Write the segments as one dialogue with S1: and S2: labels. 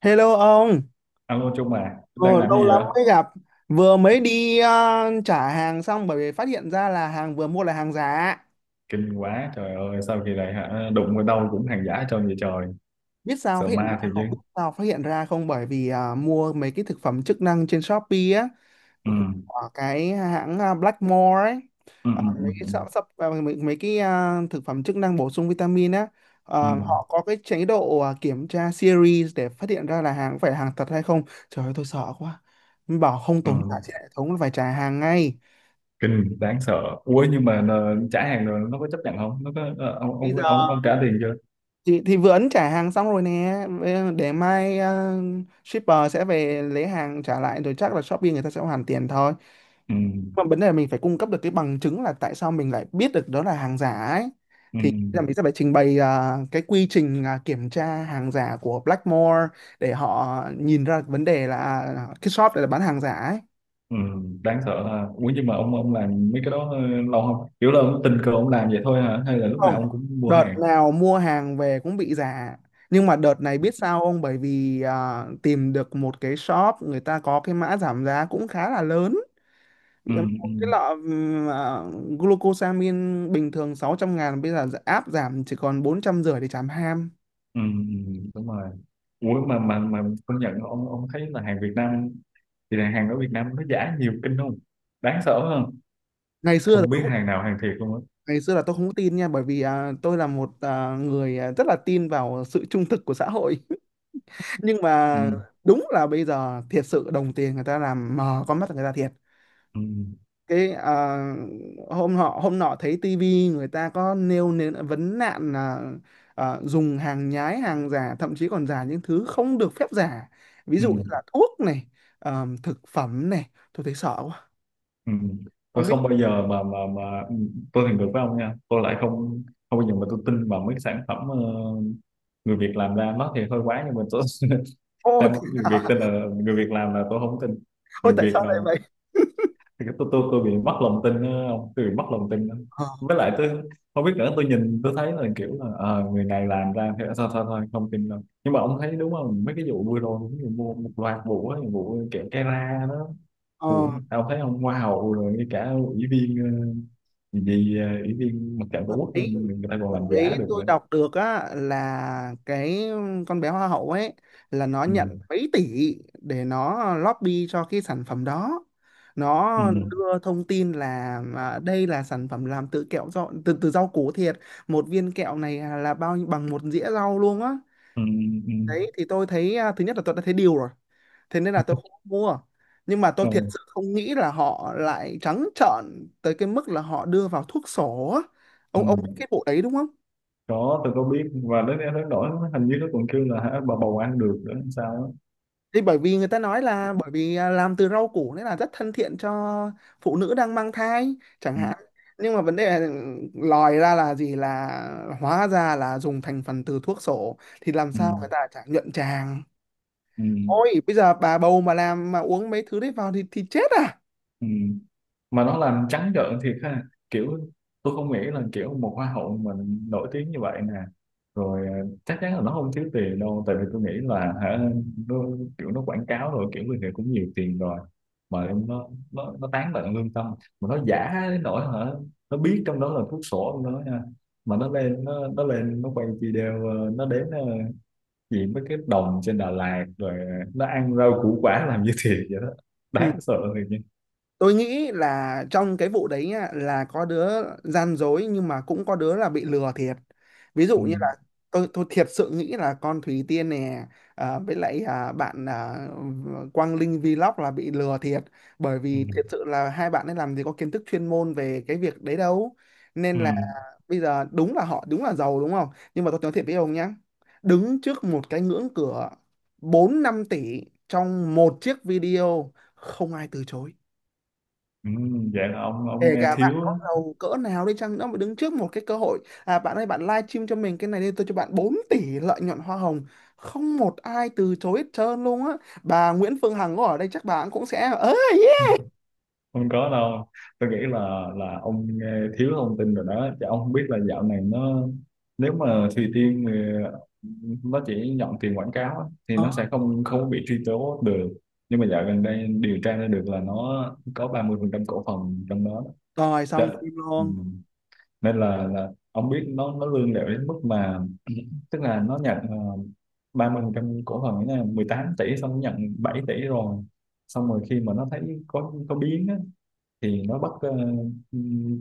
S1: Hello ông,
S2: Alo Trung à,
S1: ờ,
S2: đang làm
S1: lâu
S2: gì
S1: lắm
S2: vậy?
S1: mới gặp. Vừa mới đi trả hàng xong bởi vì phát hiện ra là hàng vừa mua là hàng giả.
S2: Kinh quá, trời ơi, sao kỳ này hả? Đụng vào đâu cũng hàng giả trơn vậy trời.
S1: Biết sao
S2: Sợ
S1: phát hiện ra
S2: ma thì
S1: không? Biết
S2: chứ.
S1: sao phát hiện ra không? Bởi vì mua mấy cái thực phẩm chức năng trên Shopee á,
S2: Ừ,
S1: của cái hãng Blackmore ấy.
S2: ừ, ừ, ừ,
S1: Mấy cái
S2: ừ,
S1: sắp, sắp ờ, mấy, mấy cái ờ, thực phẩm chức năng bổ sung vitamin á,
S2: ừ.
S1: họ có cái chế độ kiểm tra series để phát hiện ra là hàng có phải là hàng thật hay không. Trời ơi, tôi sợ quá. Bảo không tồn
S2: Ừ.
S1: tại trên hệ thống là phải trả hàng ngay.
S2: Kinh, đáng sợ. Ủa nhưng mà trả hàng rồi nó có chấp nhận không? Nó có, ông,
S1: Bây
S2: ông, ông,
S1: giờ
S2: ông trả tiền chưa?
S1: thì vừa ấn trả hàng xong rồi nè. Để mai shipper sẽ về lấy hàng trả lại rồi chắc là Shopee người ta sẽ hoàn tiền thôi,
S2: Ừ,
S1: mà vấn đề là mình phải cung cấp được cái bằng chứng là tại sao mình lại biết được đó là hàng giả ấy.
S2: ừ,
S1: Thì là mình sẽ phải trình bày cái quy trình kiểm tra hàng giả của Blackmore để họ nhìn ra vấn đề là cái shop này là bán hàng giả ấy.
S2: ừ, đáng sợ ha. Ủa nhưng mà ông làm mấy cái đó lâu không? Kiểu là ông tình cờ ông làm vậy thôi hả? Hay là lúc nào
S1: Không,
S2: ông cũng mua
S1: đợt
S2: hàng?
S1: nào mua hàng về cũng bị giả, nhưng mà đợt này biết sao không, bởi vì tìm được một cái shop người ta có cái mã giảm giá cũng khá là lớn.
S2: Ừ,
S1: Một
S2: ừ,
S1: cái lọ glucosamine bình thường 600.000 bây giờ áp giảm chỉ còn 450.000 để trảm ham.
S2: ừ, ừ, đúng rồi. Ủa mà công nhận ông thấy là hàng Việt Nam thì là hàng ở Việt Nam nó giả nhiều kinh không? Đáng sợ hơn,
S1: ngày xưa là
S2: không biết
S1: tôi,
S2: hàng nào hàng thiệt luôn á.
S1: Ngày xưa là tôi không có tin nha, bởi vì tôi là một người rất là tin vào sự trung thực của xã hội nhưng
S2: Ừ,
S1: mà đúng là bây giờ thiệt sự đồng tiền người ta làm mờ con mắt người ta thiệt.
S2: ừ,
S1: cái à, Hôm hôm nọ thấy tivi người ta có nêu nên vấn nạn là dùng hàng nhái hàng giả, thậm chí còn giả những thứ không được phép giả, ví
S2: ừ,
S1: dụ như là thuốc này, thực phẩm này, tôi thấy sợ quá.
S2: ừ. Tôi
S1: Không biết.
S2: không bao giờ mà tôi thì ngược với ông nha, tôi lại không không bao giờ mà tôi tin vào mấy cái sản phẩm người Việt làm ra. Nó thì hơi quá nhưng mà tôi
S1: Ô,
S2: sao mà
S1: thế
S2: người Việt
S1: hả?
S2: tin là người Việt làm. Là tôi không tin
S1: Ôi,
S2: người
S1: tại
S2: Việt
S1: sao lại
S2: làm
S1: vậy.
S2: thì tôi bị mất lòng tin á, ông, tôi bị mất lòng tin lắm.
S1: ờ
S2: Với lại tôi không biết nữa, tôi nhìn tôi thấy là kiểu là người này làm ra thế sao, thôi thôi không tin đâu. Nhưng mà ông thấy đúng không, mấy cái vụ vừa rồi cũng như mua một loạt vụ á, vụ kẹo cái ra đó,
S1: ờ,
S2: vụ tao thấy ông hoa hậu rồi ngay cả ủy viên, ờ, gì gì, ờ, ủy viên mặt trận tổ
S1: Tập
S2: quốc
S1: ấy
S2: người ta còn
S1: Tập
S2: làm giả
S1: ấy
S2: được
S1: tôi
S2: nữa.
S1: đọc được á là cái con bé hoa hậu ấy là nó
S2: Ừ.
S1: nhận mấy tỷ để nó lobby cho cái sản phẩm đó.
S2: Ừ.
S1: Nó đưa thông tin là đây là sản phẩm làm từ kẹo rau, từ từ rau củ thiệt, một viên kẹo này là bằng một dĩa rau luôn á.
S2: Ừ. Ừ.
S1: Đấy, thì tôi thấy thứ nhất là tôi đã thấy điều rồi, thế nên là tôi không mua, nhưng mà tôi thiệt
S2: Ừ.
S1: sự không nghĩ là họ lại trắng trợn tới cái mức là họ đưa vào thuốc sổ á.
S2: Ừ.
S1: Ông biết cái vụ đấy đúng không?
S2: Có, tôi có biết, và đến đến nỗi hình như nó còn kêu là hả, bà bầu ăn được nữa hay sao á.
S1: Thì bởi vì người ta nói là bởi vì làm từ rau củ nên là rất thân thiện cho phụ nữ đang mang thai chẳng
S2: Ừ.
S1: hạn. Nhưng mà vấn đề là lòi ra là gì, là hóa ra là dùng thành phần từ thuốc sổ thì làm
S2: Ừ,
S1: sao người ta chả nhuận tràng.
S2: ừ,
S1: Ôi bây giờ bà bầu mà làm mà uống mấy thứ đấy vào thì chết à.
S2: ừ. Mà nó làm trắng trợn thiệt ha, kiểu tôi không nghĩ là kiểu một hoa hậu mà nổi tiếng như vậy nè rồi, chắc chắn là nó không thiếu tiền đâu. Tại vì tôi nghĩ là hả, nó, kiểu nó quảng cáo rồi kiểu người này cũng nhiều tiền rồi mà nó tán tận lương tâm, mà nó giả đến nỗi hả, nó biết trong đó là thuốc sổ trong đó nha. Mà nó lên nó lên nó quay video, nó đếm gì mấy cái đồng trên Đà Lạt rồi nó ăn rau củ quả làm như thiệt vậy đó.
S1: Ừ.
S2: Đáng sợ thiệt nha.
S1: Tôi nghĩ là trong cái vụ đấy nhá, là có đứa gian dối nhưng mà cũng có đứa là bị lừa thiệt, ví dụ
S2: Ừ.
S1: như là tôi thiệt sự nghĩ là con Thủy Tiên nè, với lại bạn Quang Linh Vlog là bị lừa thiệt, bởi
S2: Ừ.
S1: vì thiệt sự là hai bạn ấy làm gì có kiến thức chuyên môn về cái việc đấy đâu. Nên
S2: Ừ.
S1: là bây giờ đúng là họ đúng là giàu đúng không, nhưng mà tôi nói thiệt với ông nhá, đứng trước một cái ngưỡng cửa 4-5 tỷ trong một chiếc video không ai từ chối.
S2: Ừ. Vậy là ông
S1: Kể
S2: nghe
S1: cả bạn có
S2: thiếu.
S1: giàu cỡ nào đi chăng nữa mà đứng trước một cái cơ hội, à bạn ơi bạn live stream cho mình cái này đi, tôi cho bạn 4 tỷ lợi nhuận hoa hồng, không một ai từ chối hết trơn luôn á. Bà Nguyễn Phương Hằng có ở đây chắc bà cũng sẽ ơ, yeah.
S2: Không có đâu, tôi nghĩ là ông nghe thiếu thông tin rồi đó chứ ông không biết là dạo này nó, nếu mà Thùy Tiên thì nó chỉ nhận tiền quảng cáo á, thì nó
S1: Đó,
S2: sẽ không không bị truy tố được. Nhưng mà dạo gần đây điều tra ra được là nó có 30% cổ phần trong đó đó.
S1: rồi
S2: Dạ.
S1: xong phim
S2: Ừ.
S1: luôn.
S2: Nên là ông biết nó lươn lẹo đến mức mà tức là nó nhận uh, 30% cổ phần ấy nha, 18 tỷ, xong nó nhận 7 tỷ rồi. Xong rồi khi mà nó thấy có biến á, thì nó bắt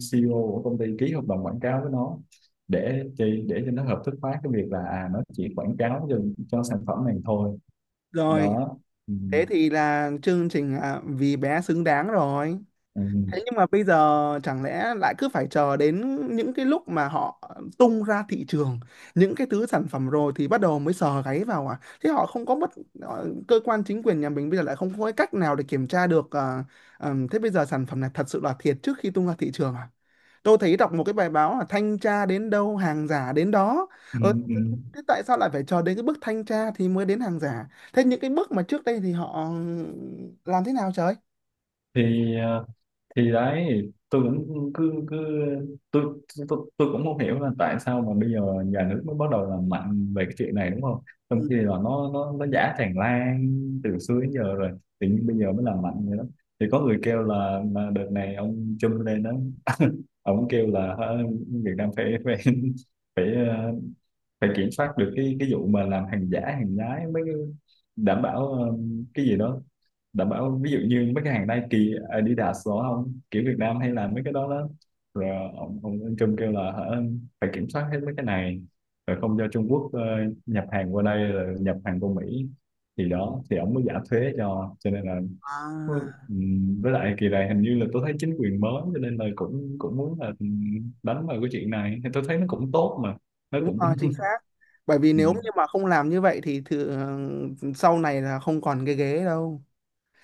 S2: CEO của công ty ký hợp đồng quảng cáo với nó, để cho nó hợp thức hóa cái việc là nó chỉ quảng cáo cho sản phẩm này thôi
S1: Rồi
S2: đó. Ừ.
S1: thế thì là chương trình vì bé xứng đáng rồi.
S2: Ừ.
S1: Thế nhưng mà bây giờ chẳng lẽ lại cứ phải chờ đến những cái lúc mà họ tung ra thị trường những cái thứ sản phẩm rồi thì bắt đầu mới sờ gáy vào à? Thế họ không có cơ quan chính quyền nhà mình bây giờ lại không có cái cách nào để kiểm tra được thế bây giờ sản phẩm này thật sự là thiệt trước khi tung ra thị trường à? Tôi thấy đọc một cái bài báo là thanh tra đến đâu hàng giả đến đó.
S2: Ừ.
S1: Ờ,
S2: Ừ.
S1: thế tại sao lại phải chờ đến cái bước thanh tra thì mới đến hàng giả? Thế những cái bước mà trước đây thì họ làm thế nào trời?
S2: Thì thì đấy, tôi cũng cứ cứ tôi tôi cũng không hiểu là tại sao mà bây giờ nhà nước mới bắt đầu làm mạnh về cái chuyện này đúng không, trong
S1: Ừ.
S2: khi là nó giả tràn lan từ xưa đến giờ rồi, tự nhiên bây giờ mới làm mạnh vậy đó. Thì có người kêu là, đợt này ông Trump lên đó. Ông kêu là hả, Việt Nam phải phải phải phải kiểm soát được cái vụ mà làm hàng giả hàng nhái mới đảm bảo, cái gì đó, đảm bảo ví dụ như mấy cái hàng Nike Adidas đó không, kiểu Việt Nam hay là mấy cái đó đó. Rồi ông Trump kêu là hả, phải kiểm soát hết mấy cái này, rồi không cho Trung Quốc nhập hàng qua đây rồi nhập hàng qua Mỹ thì đó thì ông mới giảm thuế cho, nên là
S1: À.
S2: với lại kỳ này hình như là tôi thấy chính quyền mới cho nên là cũng cũng muốn là đánh vào cái chuyện này thì tôi thấy nó cũng tốt mà, nó
S1: Đúng
S2: cũng
S1: rồi, chính xác. Bởi vì nếu như mà không làm như vậy thì thử, sau này là không còn cái ghế đâu,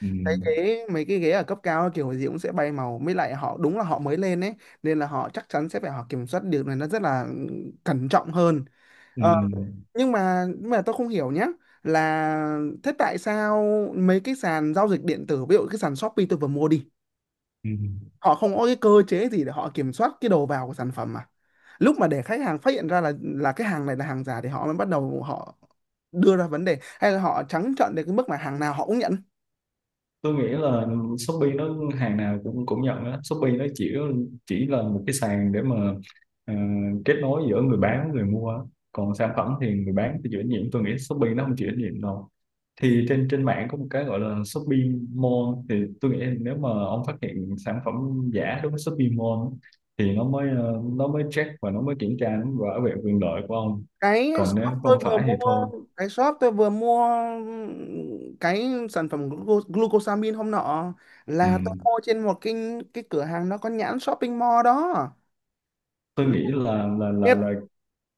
S2: Ừ.
S1: cái ghế mấy cái ghế ở cấp cao kiểu gì cũng sẽ bay màu mới lại họ đúng là họ mới lên ấy, nên là họ chắc chắn sẽ phải họ kiểm soát điều này nó rất là cẩn trọng hơn.
S2: Ừ.
S1: Ờ, nhưng mà tôi không hiểu nhá, là thế tại sao mấy cái sàn giao dịch điện tử ví dụ cái sàn Shopee tôi vừa mua đi
S2: Ừ.
S1: họ không có cái cơ chế gì để họ kiểm soát cái đầu vào của sản phẩm, mà lúc mà để khách hàng phát hiện ra là cái hàng này là hàng giả thì họ mới bắt đầu họ đưa ra vấn đề, hay là họ trắng trợn đến cái mức mà hàng nào họ cũng nhận.
S2: Tôi nghĩ là Shopee nó hàng nào cũng cũng nhận đó. Shopee nó chỉ là một cái sàn để mà ờ, kết nối giữa người bán với người mua á. Còn sản phẩm thì người bán thì chịu trách nhiệm, tôi nghĩ Shopee nó không chịu trách nhiệm đâu. Thì trên trên mạng có một cái gọi là Shopee Mall thì tôi nghĩ nếu mà ông phát hiện sản phẩm giả đối với Shopee Mall á, thì nó mới nó mới check và nó mới kiểm tra, nó mới bảo vệ quyền lợi của ông.
S1: cái
S2: Còn nếu
S1: shop tôi
S2: không
S1: vừa
S2: phải thì
S1: mua
S2: thôi.
S1: cái shop tôi vừa mua cái sản phẩm glucosamine hôm nọ
S2: Ừ.
S1: là tôi mua trên một cái cửa hàng nó có nhãn shopping mall đó.
S2: Tôi nghĩ là là là là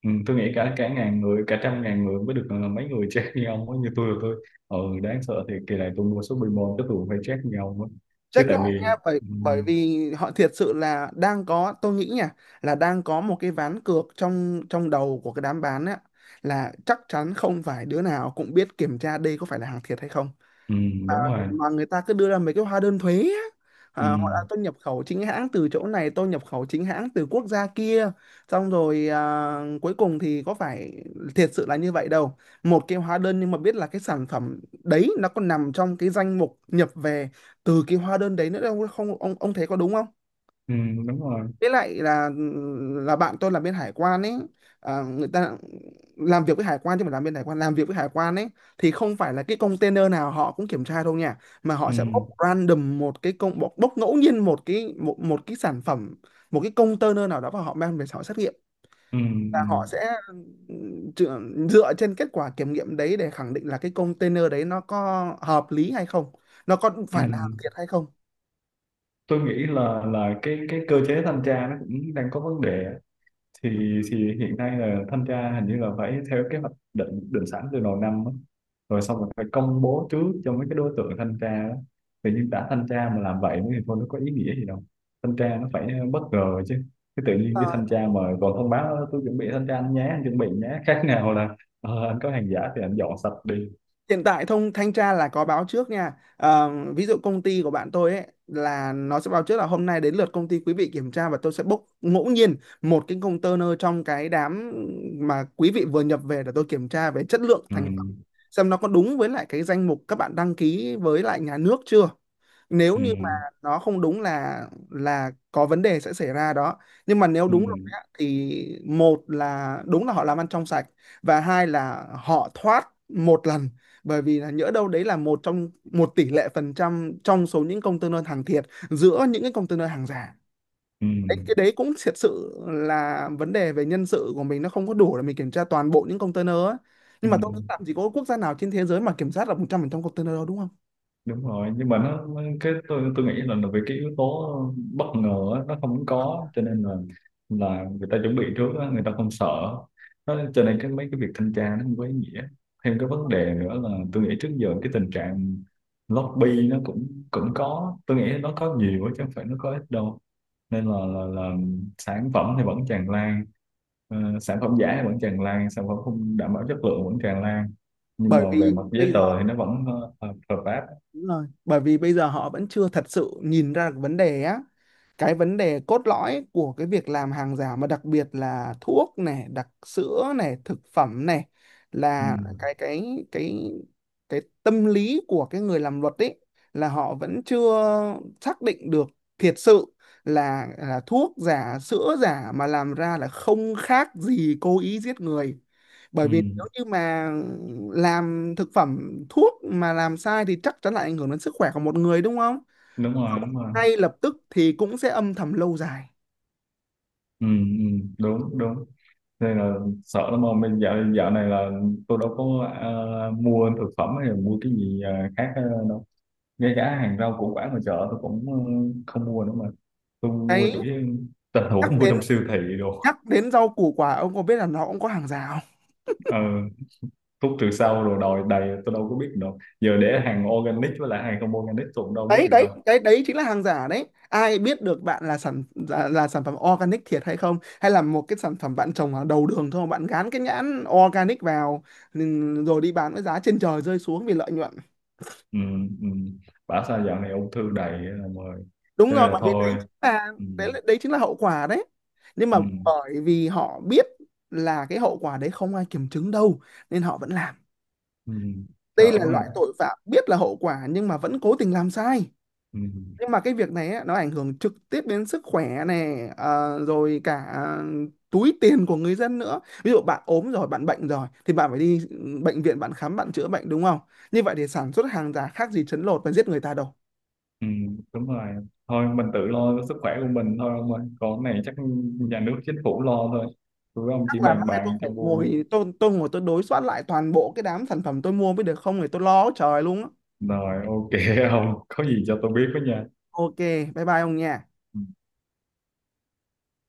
S2: ừ, tôi nghĩ cả cả ngàn người, cả trăm ngàn người mới được là mấy người chết như ông ấy như tôi rồi đáng sợ. Thì kỳ này tôi mua số Pokemon chắc tôi cũng phải chết như ông ấy chứ.
S1: Check
S2: Tại
S1: lại
S2: vì
S1: nha, bởi
S2: ừ,
S1: bởi vì họ thiệt sự là đang có, tôi nghĩ nha, là đang có một cái ván cược trong trong đầu của cái đám bán á, là chắc chắn không phải đứa nào cũng biết kiểm tra đây có phải là hàng thiệt hay không,
S2: ừ, đúng rồi.
S1: mà người ta cứ đưa ra mấy cái hóa đơn thuế á.
S2: Ừ,
S1: À, họ đã tôi nhập khẩu chính hãng từ chỗ này, tôi nhập khẩu chính hãng từ quốc gia kia, xong rồi cuối cùng thì có phải thiệt sự là như vậy đâu. Một cái hóa đơn nhưng mà biết là cái sản phẩm đấy nó còn nằm trong cái danh mục nhập về từ cái hóa đơn đấy nữa đâu, không ông ông thấy có đúng không?
S2: ừ, đúng rồi.
S1: Với lại là bạn tôi làm bên hải quan ấy, người ta làm việc với hải quan, chứ mà làm bên hải quan làm việc với hải quan ấy thì không phải là cái container nào họ cũng kiểm tra đâu nha, mà họ
S2: Ừ,
S1: sẽ bốc random một cái công bốc ngẫu nhiên một cái một cái sản phẩm một cái container nào đó và họ mang về họ xét nghiệm,
S2: ừ,
S1: và
S2: ừ,
S1: họ sẽ dựa dựa trên kết quả kiểm nghiệm đấy để khẳng định là cái container đấy nó có hợp lý hay không, nó có
S2: ừ.
S1: phải là hàng thiệt hay không.
S2: Tôi nghĩ là cái cơ chế thanh tra nó cũng đang có vấn đề. Thì hiện nay là thanh tra hình như là phải theo kế hoạch định định sẵn từ đầu năm á. Rồi xong rồi phải công bố trước cho mấy cái đối tượng thanh tra đó. Tự nhiên đã thanh tra mà làm vậy thì thôi, nó có ý nghĩa gì đâu. Thanh tra nó phải bất ngờ chứ. Cái tự nhiên
S1: Ờ,
S2: cái thanh tra mà còn thông báo "Ơ, tôi chuẩn bị thanh tra anh nhé, anh chuẩn bị nhé", khác nào là "Ờ, anh có hàng giả thì anh dọn sạch đi".
S1: hiện tại thông thanh tra là có báo trước nha. Ờ, ví dụ công ty của bạn tôi ấy là nó sẽ báo trước là hôm nay đến lượt công ty quý vị kiểm tra, và tôi sẽ bốc ngẫu nhiên một cái container trong cái đám mà quý vị vừa nhập về để tôi kiểm tra về chất lượng
S2: Ừ.
S1: thành phẩm, xem nó có đúng với lại cái danh mục các bạn đăng ký với lại nhà nước chưa. Nếu
S2: Ừ.
S1: như mà nó không đúng là có vấn đề sẽ xảy ra đó. Nhưng mà nếu
S2: Ừ.
S1: đúng rồi á, thì một là đúng là họ làm ăn trong sạch, và hai là họ thoát một lần, bởi vì là nhỡ đâu đấy là một trong một tỷ lệ phần trăm trong số những container hàng thiệt giữa những cái container hàng giả.
S2: Ừ.
S1: Đấy, cái đấy cũng thiệt sự là vấn đề về nhân sự của mình nó không có đủ để mình kiểm tra toàn bộ những container ấy.
S2: Ừ.
S1: Nhưng mà tôi nghĩ làm gì có quốc gia nào trên thế giới mà kiểm soát được 100% container đâu, đúng không?
S2: Đúng rồi nhưng mà nó- cái tôi nghĩ là, vì cái yếu tố bất ngờ á, nó không có cho nên là người ta chuẩn bị trước á, người ta không sợ nó, cho nên cái mấy cái việc thanh tra nó không có ý nghĩa. Thêm cái vấn đề nữa là tôi nghĩ trước giờ cái tình trạng lobby nó cũng cũng có, tôi nghĩ nó có nhiều á, chứ không phải nó có ít đâu. Nên là sản phẩm thì vẫn tràn lan, sản phẩm giả thì vẫn tràn lan, sản phẩm không đảm bảo chất lượng vẫn tràn lan. Nhưng mà
S1: Bởi vì
S2: về mặt giấy
S1: bây giờ
S2: tờ thì nó vẫn hợp hợp pháp.
S1: Đúng rồi, bởi vì bây giờ họ vẫn chưa thật sự nhìn ra được vấn đề á, cái vấn đề cốt lõi của cái việc làm hàng giả mà đặc biệt là thuốc này, đặc sữa này, thực phẩm này,
S2: Ừ,
S1: là cái tâm lý của cái người làm luật ấy là họ vẫn chưa xác định được thiệt sự là thuốc giả, sữa giả mà làm ra là không khác gì cố ý giết người. Bởi
S2: ừ,
S1: vì nếu như mà làm thực phẩm thuốc mà làm sai thì chắc chắn lại ảnh hưởng đến sức khỏe của một người đúng không?
S2: đúng rồi, đúng rồi.
S1: Ngay lập tức thì cũng sẽ âm thầm lâu dài.
S2: Ừ, ừ, đúng đúng, nên là sợ lắm mà. Mình dạo dạo này là tôi đâu có mua thực phẩm hay là mua cái gì khác đâu. Ngay cả hàng rau củ quả mà chợ tôi cũng không mua nữa mà. Tôi mua chủ
S1: Đấy,
S2: yếu tình
S1: nhắc
S2: huống mua
S1: đến
S2: trong siêu thị đồ.
S1: nhắc đến rau củ quả ông có biết là nó cũng có hàng giả không?
S2: ờ, Thuốc trừ sâu rồi đòi đầy, tôi đâu có biết đâu giờ, để hàng organic với lại hàng không organic tôi cũng đâu biết
S1: Đấy
S2: được đâu.
S1: đấy đấy đấy chính là hàng giả đấy, ai biết được bạn là sản phẩm organic thiệt hay không, hay là một cái sản phẩm bạn trồng ở đầu đường thôi bạn gán cái nhãn organic vào, rồi đi bán với giá trên trời rơi xuống vì lợi nhuận.
S2: Ừ, ừ. Bảo sao dạo này ung thư đầy rồi,
S1: Đúng
S2: cho nên
S1: rồi,
S2: là
S1: bởi vì đấy
S2: thôi.
S1: chính là
S2: Ừ,
S1: đấy chính là hậu quả đấy. Nhưng mà
S2: ừ.
S1: bởi vì họ biết là cái hậu quả đấy không ai kiểm chứng đâu nên họ vẫn làm,
S2: Ừ,
S1: đây
S2: thở
S1: là
S2: mà.
S1: loại tội phạm biết là hậu quả nhưng mà vẫn cố tình làm sai.
S2: Ừ,
S1: Nhưng mà cái việc này á, nó ảnh hưởng trực tiếp đến sức khỏe này, rồi cả túi tiền của người dân nữa, ví dụ bạn ốm rồi bạn bệnh rồi thì bạn phải đi bệnh viện, bạn khám, bạn chữa bệnh đúng không? Như vậy thì sản xuất hàng giả khác gì trấn lột và giết người ta đâu.
S2: ừ, đúng rồi, thôi mình tự lo cho sức khỏe của mình thôi ông ơi, còn cái này chắc nhà nước chính phủ lo thôi, tụi ông
S1: Chắc
S2: chỉ
S1: là
S2: bàn
S1: mai tôi
S2: bàn cho
S1: phải
S2: vui
S1: ngồi tôi ngồi tôi đối soát lại toàn bộ cái đám sản phẩm tôi mua mới được, không thì tôi lo trời luôn á.
S2: rồi, ok. Ông có gì cho tôi biết với nha.
S1: Ok, bye bye ông nha.
S2: Ừ.